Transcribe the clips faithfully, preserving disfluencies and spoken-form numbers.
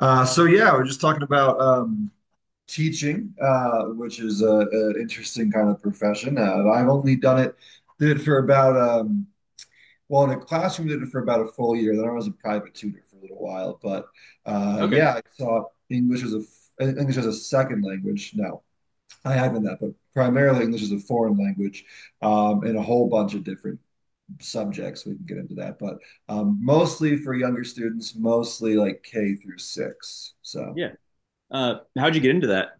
Uh, so yeah, we're just talking about um, teaching, uh, which is a, a interesting kind of profession. Uh, I've only done it, Did it for about um, well, in a classroom, did it for about a full year. Then I was a private tutor for a little while. But uh, Okay. yeah, I taught English as a f- English as a second language. No, I haven't that, but primarily English as a foreign language, um, and a whole bunch of different subjects. We can get into that, but um, mostly for younger students, mostly like K through six. So. Yeah. Uh, how'd you get into that?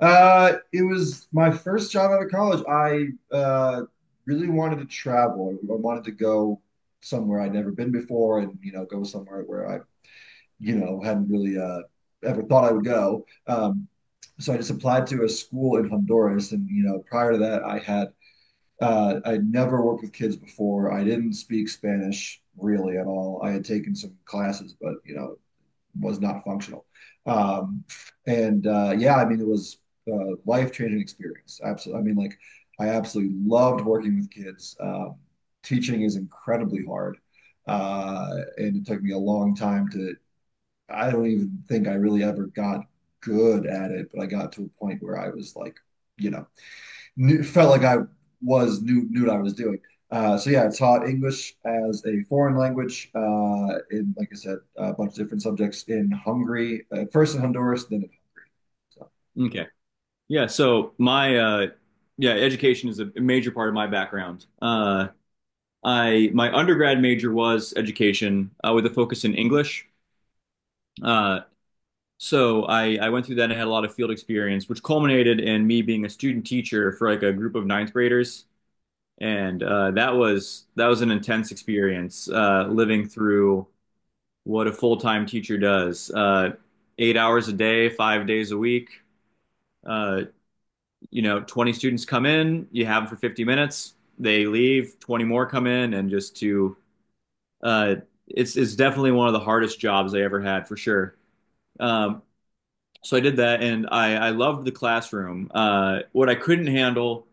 Uh, it was my first job out of college. I uh, really wanted to travel. I wanted to go somewhere I'd never been before, and you know, go somewhere where I, you know, hadn't really uh, ever thought I would go. Um, so I just applied to a school in Honduras, and you know, prior to that, I had uh, I'd never worked with kids before. I didn't speak Spanish really at all. I had taken some classes, but you know, was not functional. Um, and uh, Yeah, I mean, it was a life changing experience. Absolutely. I mean, like, I absolutely loved working with kids. Um, teaching is incredibly hard. Uh, and it took me a long time to, I don't even think I really ever got good at it, but I got to a point where I was like, you know, knew, felt like I was knew knew what I was doing. Uh, so yeah, I taught English as a foreign language uh, in, like I said, a bunch of different subjects in Hungary, uh, first in Honduras, then in so, Okay. Yeah. So my uh, yeah, education is a major part of my background. Uh, I My undergrad major was education, uh, with a focus in English. Uh, so I, I went through that and had a lot of field experience, which culminated in me being a student teacher for like a group of ninth graders. And uh, that was that was an intense experience, uh, living through what a full time teacher does, uh, eight hours a day, five days a week. Uh, you know, twenty students come in, you have them for fifty minutes, they leave, twenty more come in, and just to, uh, it's, it's definitely one of the hardest jobs I ever had, for sure. Um, so I did that, and I, I loved the classroom. Uh, what I couldn't handle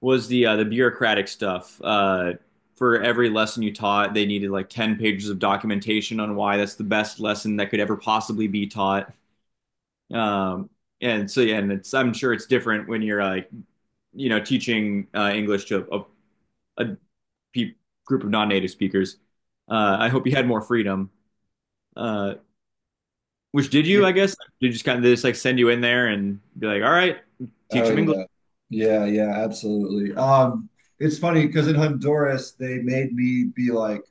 was the, uh, the bureaucratic stuff. Uh, for every lesson you taught, they needed like ten pages of documentation on why that's the best lesson that could ever possibly be taught. Um, and so, yeah, and it's, I'm sure it's different when you're like you know teaching uh, English to a, a pe- group of non-native speakers. Uh, I hope you had more freedom. Uh, which did yeah. you? I guess, did you just kind of just like send you in there and be like, all right, teach Oh them English? yeah. Yeah, yeah, absolutely. Um, it's funny because in Honduras they made me be like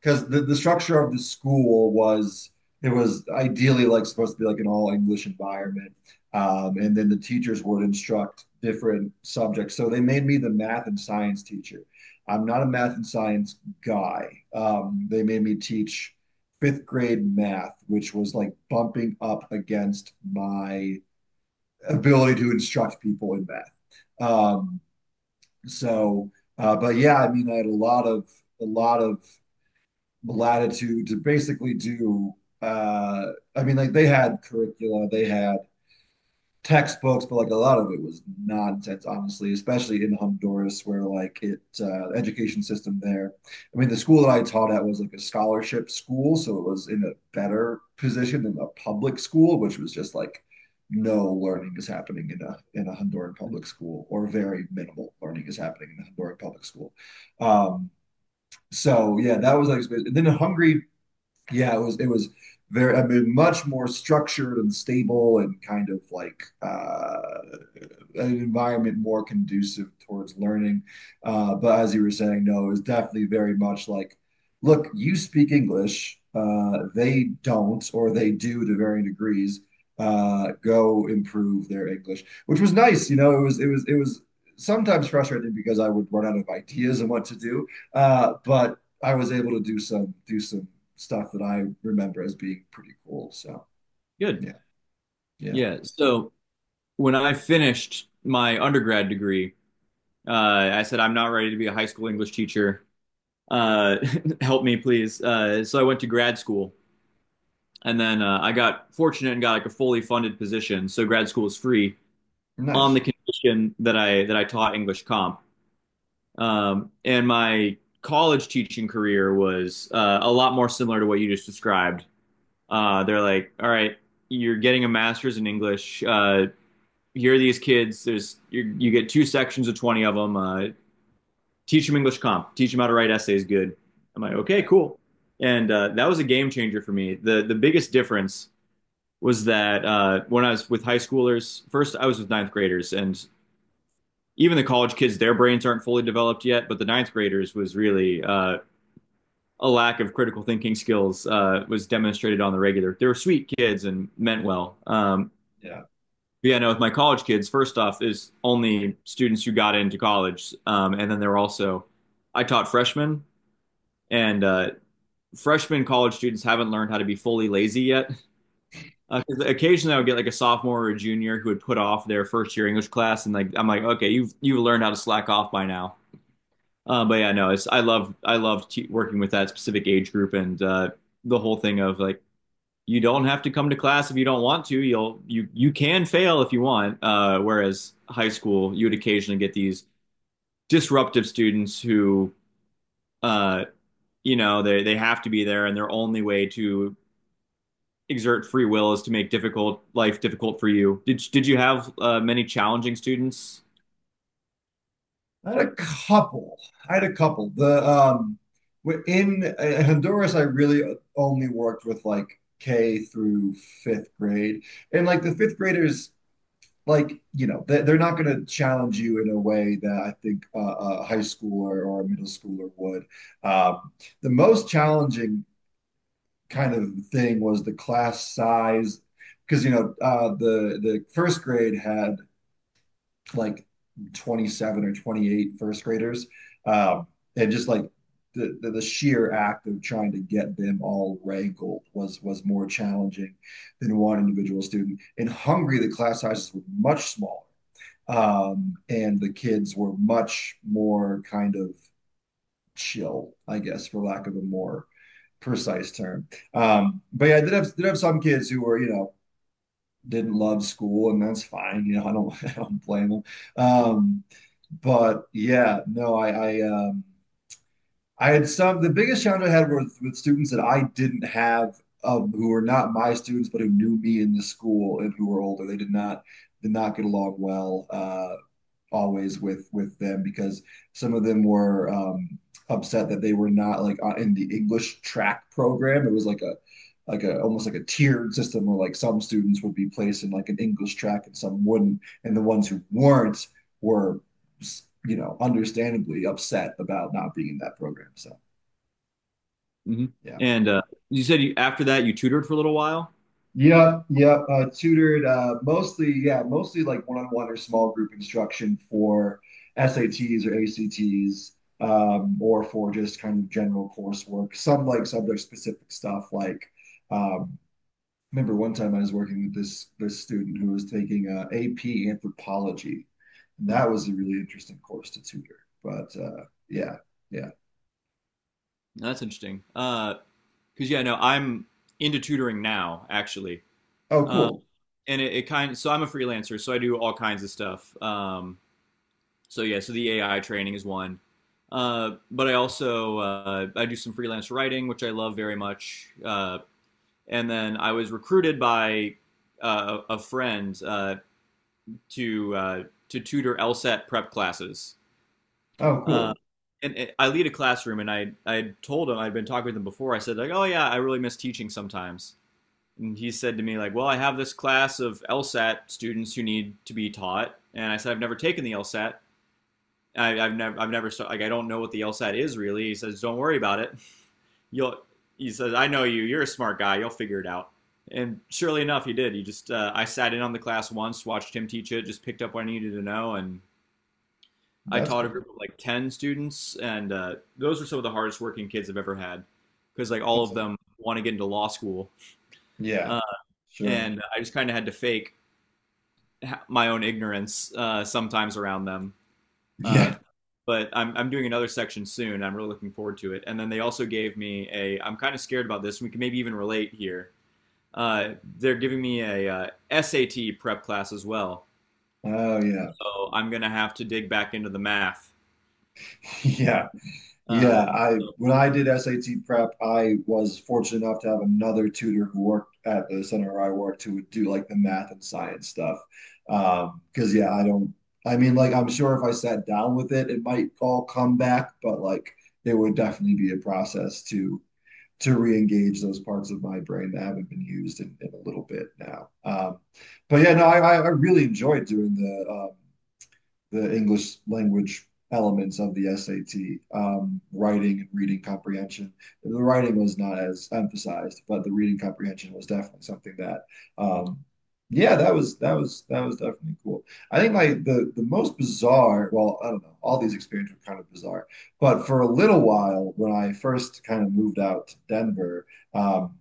because the, the structure of the school was it was ideally like supposed to be like an all English environment. Um, and then the teachers would instruct different subjects. So they made me the math and science teacher. I'm not a math and science guy. Um, they made me teach fifth grade math, which was like bumping up against my ability to instruct people in math. Um, so, uh, but yeah, I mean, I had a lot of a lot of latitude to basically do. Uh, I mean, like they had curricula, they had textbooks, but like a lot of it was nonsense, honestly, especially in Honduras, where like it uh, education system there. I mean, the school that I taught at was like a scholarship school, so it was in a better position than a public school, which was just like no learning is happening in a in a Honduran public school, or very minimal learning is happening in a Honduran public school. Um, so yeah, that was like, and then in Hungary yeah, it was it was very, I mean, much more structured and stable and kind of like uh an environment more conducive towards learning. Uh, but as you were saying, no, it was definitely very much like, look, you speak English, uh, they don't, or they do to varying degrees. Uh, go improve their English, which was nice. You know, it was it was it was sometimes frustrating because I would run out of ideas and what to do. Uh, but I was able to do some do some stuff that I remember as being pretty cool. So Good. yeah, yeah, Yeah. So when I finished my undergrad degree, uh, I said I'm not ready to be a high school English teacher. Uh, Help me, please. Uh, so I went to grad school, and then uh, I got fortunate and got like a fully funded position. So grad school is free, on nice. the condition that I that I taught English comp. Um, and my college teaching career was uh, a lot more similar to what you just described. Uh, they're like, "All right, you're getting a master's in English. Uh, here are these kids. There's you you get two sections of twenty of them. Uh, teach them English comp. Teach them how to write essays." Good. I'm like, "Okay, Yeah, cool." And uh, that was a game changer for me. The the biggest difference was that, uh, when I was with high schoolers. First I was with ninth graders, and even the college kids, their brains aren't fully developed yet. But the ninth graders was really, uh, a lack of critical thinking skills uh, was demonstrated on the regular. They were sweet kids and meant well. Um, yeah. But yeah, no, with my college kids, first off, is only students who got into college, um, and then there were also I taught freshmen, and uh, freshman college students haven't learned how to be fully lazy yet. Uh, 'cause occasionally, I would get like a sophomore or a junior who would put off their first year English class, and like I'm like, "Okay, you've you've learned how to slack off by now." Uh, but yeah, no, it's I love I love te working with that specific age group, and uh, the whole thing of like, you don't have to come to class if you don't want to. You'll you you can fail if you want. Uh, whereas high school, you would occasionally get these disruptive students who, uh, you know, they they have to be there, and their only way to exert free will is to make difficult life difficult for you. Did did you have, uh, many challenging students? I had a couple. I had a couple. The um w- in uh, Honduras, I really only worked with like K through fifth grade, and like the fifth graders, like you know, they, they're not going to challenge you in a way that I think uh, a high schooler or a middle schooler would. Um, the most challenging kind of thing was the class size, because you know, uh, the the first grade had like twenty-seven or twenty-eight first graders. Um, and just like the, the, the sheer act of trying to get them all rankled was was more challenging than one individual student. In Hungary, the class sizes were much smaller, um, and the kids were much more kind of chill, I guess, for lack of a more precise term. Um, but yeah, I did have did have some kids who were, you know, didn't love school, and that's fine. You know, I don't I don't blame them. Um, but yeah, no, I I um I had some the biggest challenge I had was with students that I didn't have um who were not my students but who knew me in the school and who were older. They did not did not get along well. Uh always with with them because some of them were um, upset that they were not like uh, in the English track program. It was like a like a almost like a tiered system where like some students would be placed in like an English track and some wouldn't, and the ones who weren't were, you know, understandably upset about not being in that program. So Hmm. yeah. And uh, you said you, after that you tutored for a little while. Yep, yep. Uh, tutored uh, mostly, yeah, mostly like one-on-one or small group instruction for S A Ts or A C Ts, um, or for just kind of general coursework. Some like subject-specific stuff. Like, um, remember one time I was working with this this student who was taking uh, A P Anthropology, and Hmm, that was a really interesting course to tutor. But uh, yeah, yeah. that's interesting. Uh, because yeah, no, I'm into tutoring now, actually, Oh, uh, cool. and it, it kind. Of, so I'm a freelancer, so I do all kinds of stuff. Um, so yeah, so the A I training is one, uh, but I also, uh, I do some freelance writing, which I love very much. Uh, and then I was recruited by uh, a a friend uh, to uh, to tutor LSAT prep classes. Oh, Uh, cool. and it- I lead a classroom, and I I told him I'd been talking with him before. I said like, "Oh yeah, I really miss teaching sometimes," and he said to me like, "Well, I have this class of LSAT students who need to be taught," and I said, "I've never taken the LSAT. I, I've never, I've never, stu- Like, I don't know what the LSAT is, really." He says, "Don't worry about it. You'll," he says, "I know you. You're a smart guy. You'll figure it out." And surely enough, he did. He just, uh, I sat in on the class once, watched him teach it, just picked up what I needed to know, and I That's taught a cool. group of like ten students, and uh, those were some of the hardest working kids I've ever had, because like all That's of it. them want to get into law school, Yeah, uh, sure. and I just kind of had to fake my own ignorance, uh, sometimes around them. Uh, Yeah. but I'm I'm doing another section soon. I'm really looking forward to it. And then they also gave me a. I'm kind of scared about this. We can maybe even relate here. Uh, they're giving me a uh, S A T prep class as well. Oh, yeah. So I'm gonna have to dig back into the math. Yeah, yeah. Uh, I When I did S A T prep, I was fortunate enough to have another tutor who worked at the center where I worked who would do like the math and science stuff. Um, because yeah, I don't I mean like I'm sure if I sat down with it, it might all come back, but like it would definitely be a process to to re-engage those parts of my brain that haven't been used in, in a little bit now. Um, but yeah, no, I I I really enjoyed doing the um the English language elements of the S A T, um, writing and reading comprehension. The writing was not as emphasized, but the reading comprehension was definitely something that, um, yeah, that was that was that was definitely cool. I think like the the most bizarre, well, I don't know, all these experiences were kind of bizarre, but for a little while when I first kind of moved out to Denver, um,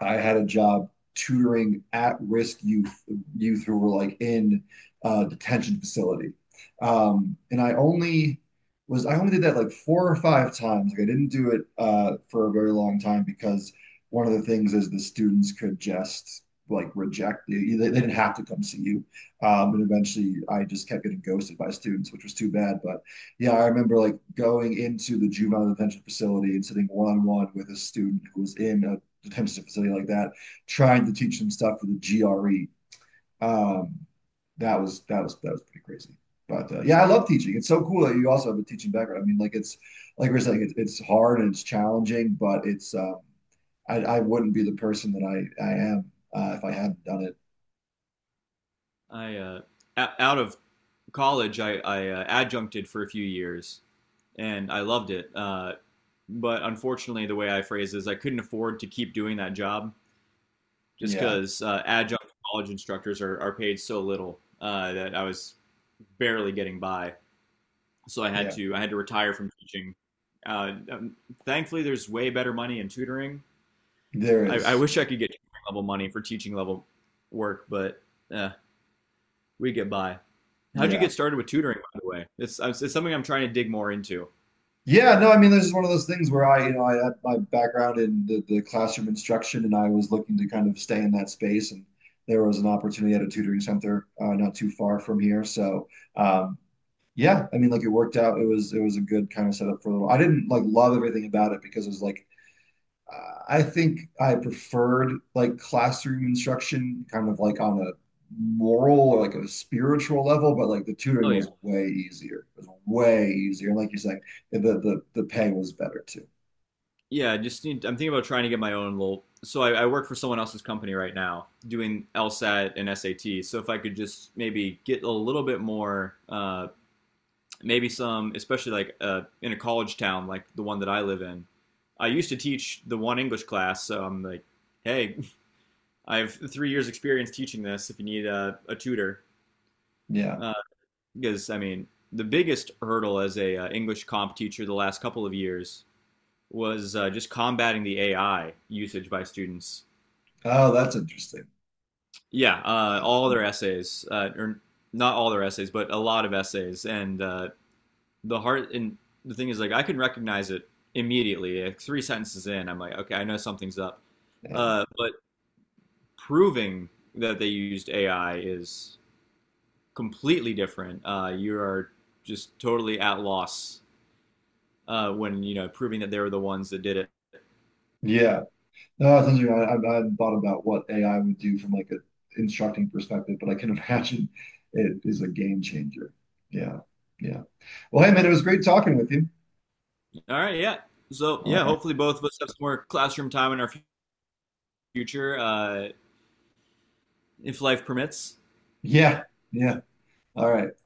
I had a job tutoring at-risk youth youth who were like in a uh, detention facility. Um, and I only was I only did that like four or five times. Like I didn't do it uh, for a very long time because one of the things is the students could just like reject you. They, they didn't have to come see you. Um, and eventually I just kept getting ghosted by students, which was too bad. But yeah, I remember like going into the juvenile detention facility and sitting one on one with a student who was in a comes to a facility like that, trying to teach them stuff for the G R E. Um, that was that was that was pretty crazy. But uh, yeah, I love teaching. It's so cool that you also have a teaching background. I mean, like it's like we're saying, it's, it's hard and it's challenging, but it's um, I, I wouldn't be the person that I I am uh, if I hadn't done it. I uh, Out of college, I, I uh, adjuncted for a few years, and I loved it. Uh, but unfortunately, the way I phrase it is, I couldn't afford to keep doing that job, just Yeah. because uh, adjunct college instructors are, are paid so little, uh, that I was barely getting by. So I had Yeah. to I had to retire from teaching. Uh, um, Thankfully, there's way better money in tutoring. There I, I is, wish yeah. I could get tutoring level money for teaching level work, but eh, we get by. How'd you Yeah. get started with tutoring, by the way? It's, it's something I'm trying to dig more into. Yeah, no, I mean, this is one of those things where I, you know, I had my background in the, the classroom instruction and I was looking to kind of stay in that space. And there was an opportunity at a tutoring center uh, not too far from here. So, um, yeah, I mean, like it worked out. It was, it was a good kind of setup for a little. I didn't like love everything about it because it was like I think I preferred like classroom instruction, kind of like on a moral or like a spiritual level, but like the tutoring Oh yeah. was way easier. It was way easier. And like you're saying, the the the pay was better too. Yeah, I just need. I'm thinking about trying to get my own little. So I, I work for someone else's company right now, doing LSAT and S A T. So if I could just maybe get a little bit more, uh, maybe some, especially like uh, in a college town like the one that I live in. I used to teach the one English class, so I'm like, "Hey, I have three years experience teaching this. If you need a, a tutor." Yeah. uh, because I mean, the biggest hurdle as a, uh, English comp teacher the last couple of years was, uh, just combating the A I usage by students. Oh, that's interesting. Yeah, uh, Yeah. all their essays, uh, or not all their essays, but a lot of essays. And uh, the heart and the thing is, like, I can recognize it immediately. Like, three sentences in, I'm like, "Okay, I know something's up." Yeah. Uh, but proving that they used A I is completely different. Uh, you are just totally at loss, uh, when you know proving that they were the ones that did it. Yeah. No, it's interesting. I, I, I hadn't thought about what A I would do from like an instructing perspective, but I can imagine it is a game changer. Yeah. Yeah. Well, hey man, it was great talking with you. All right, yeah. So All yeah, right. hopefully both of us have some more classroom time in our future. future, uh, if life permits. Yeah. Yeah. All right.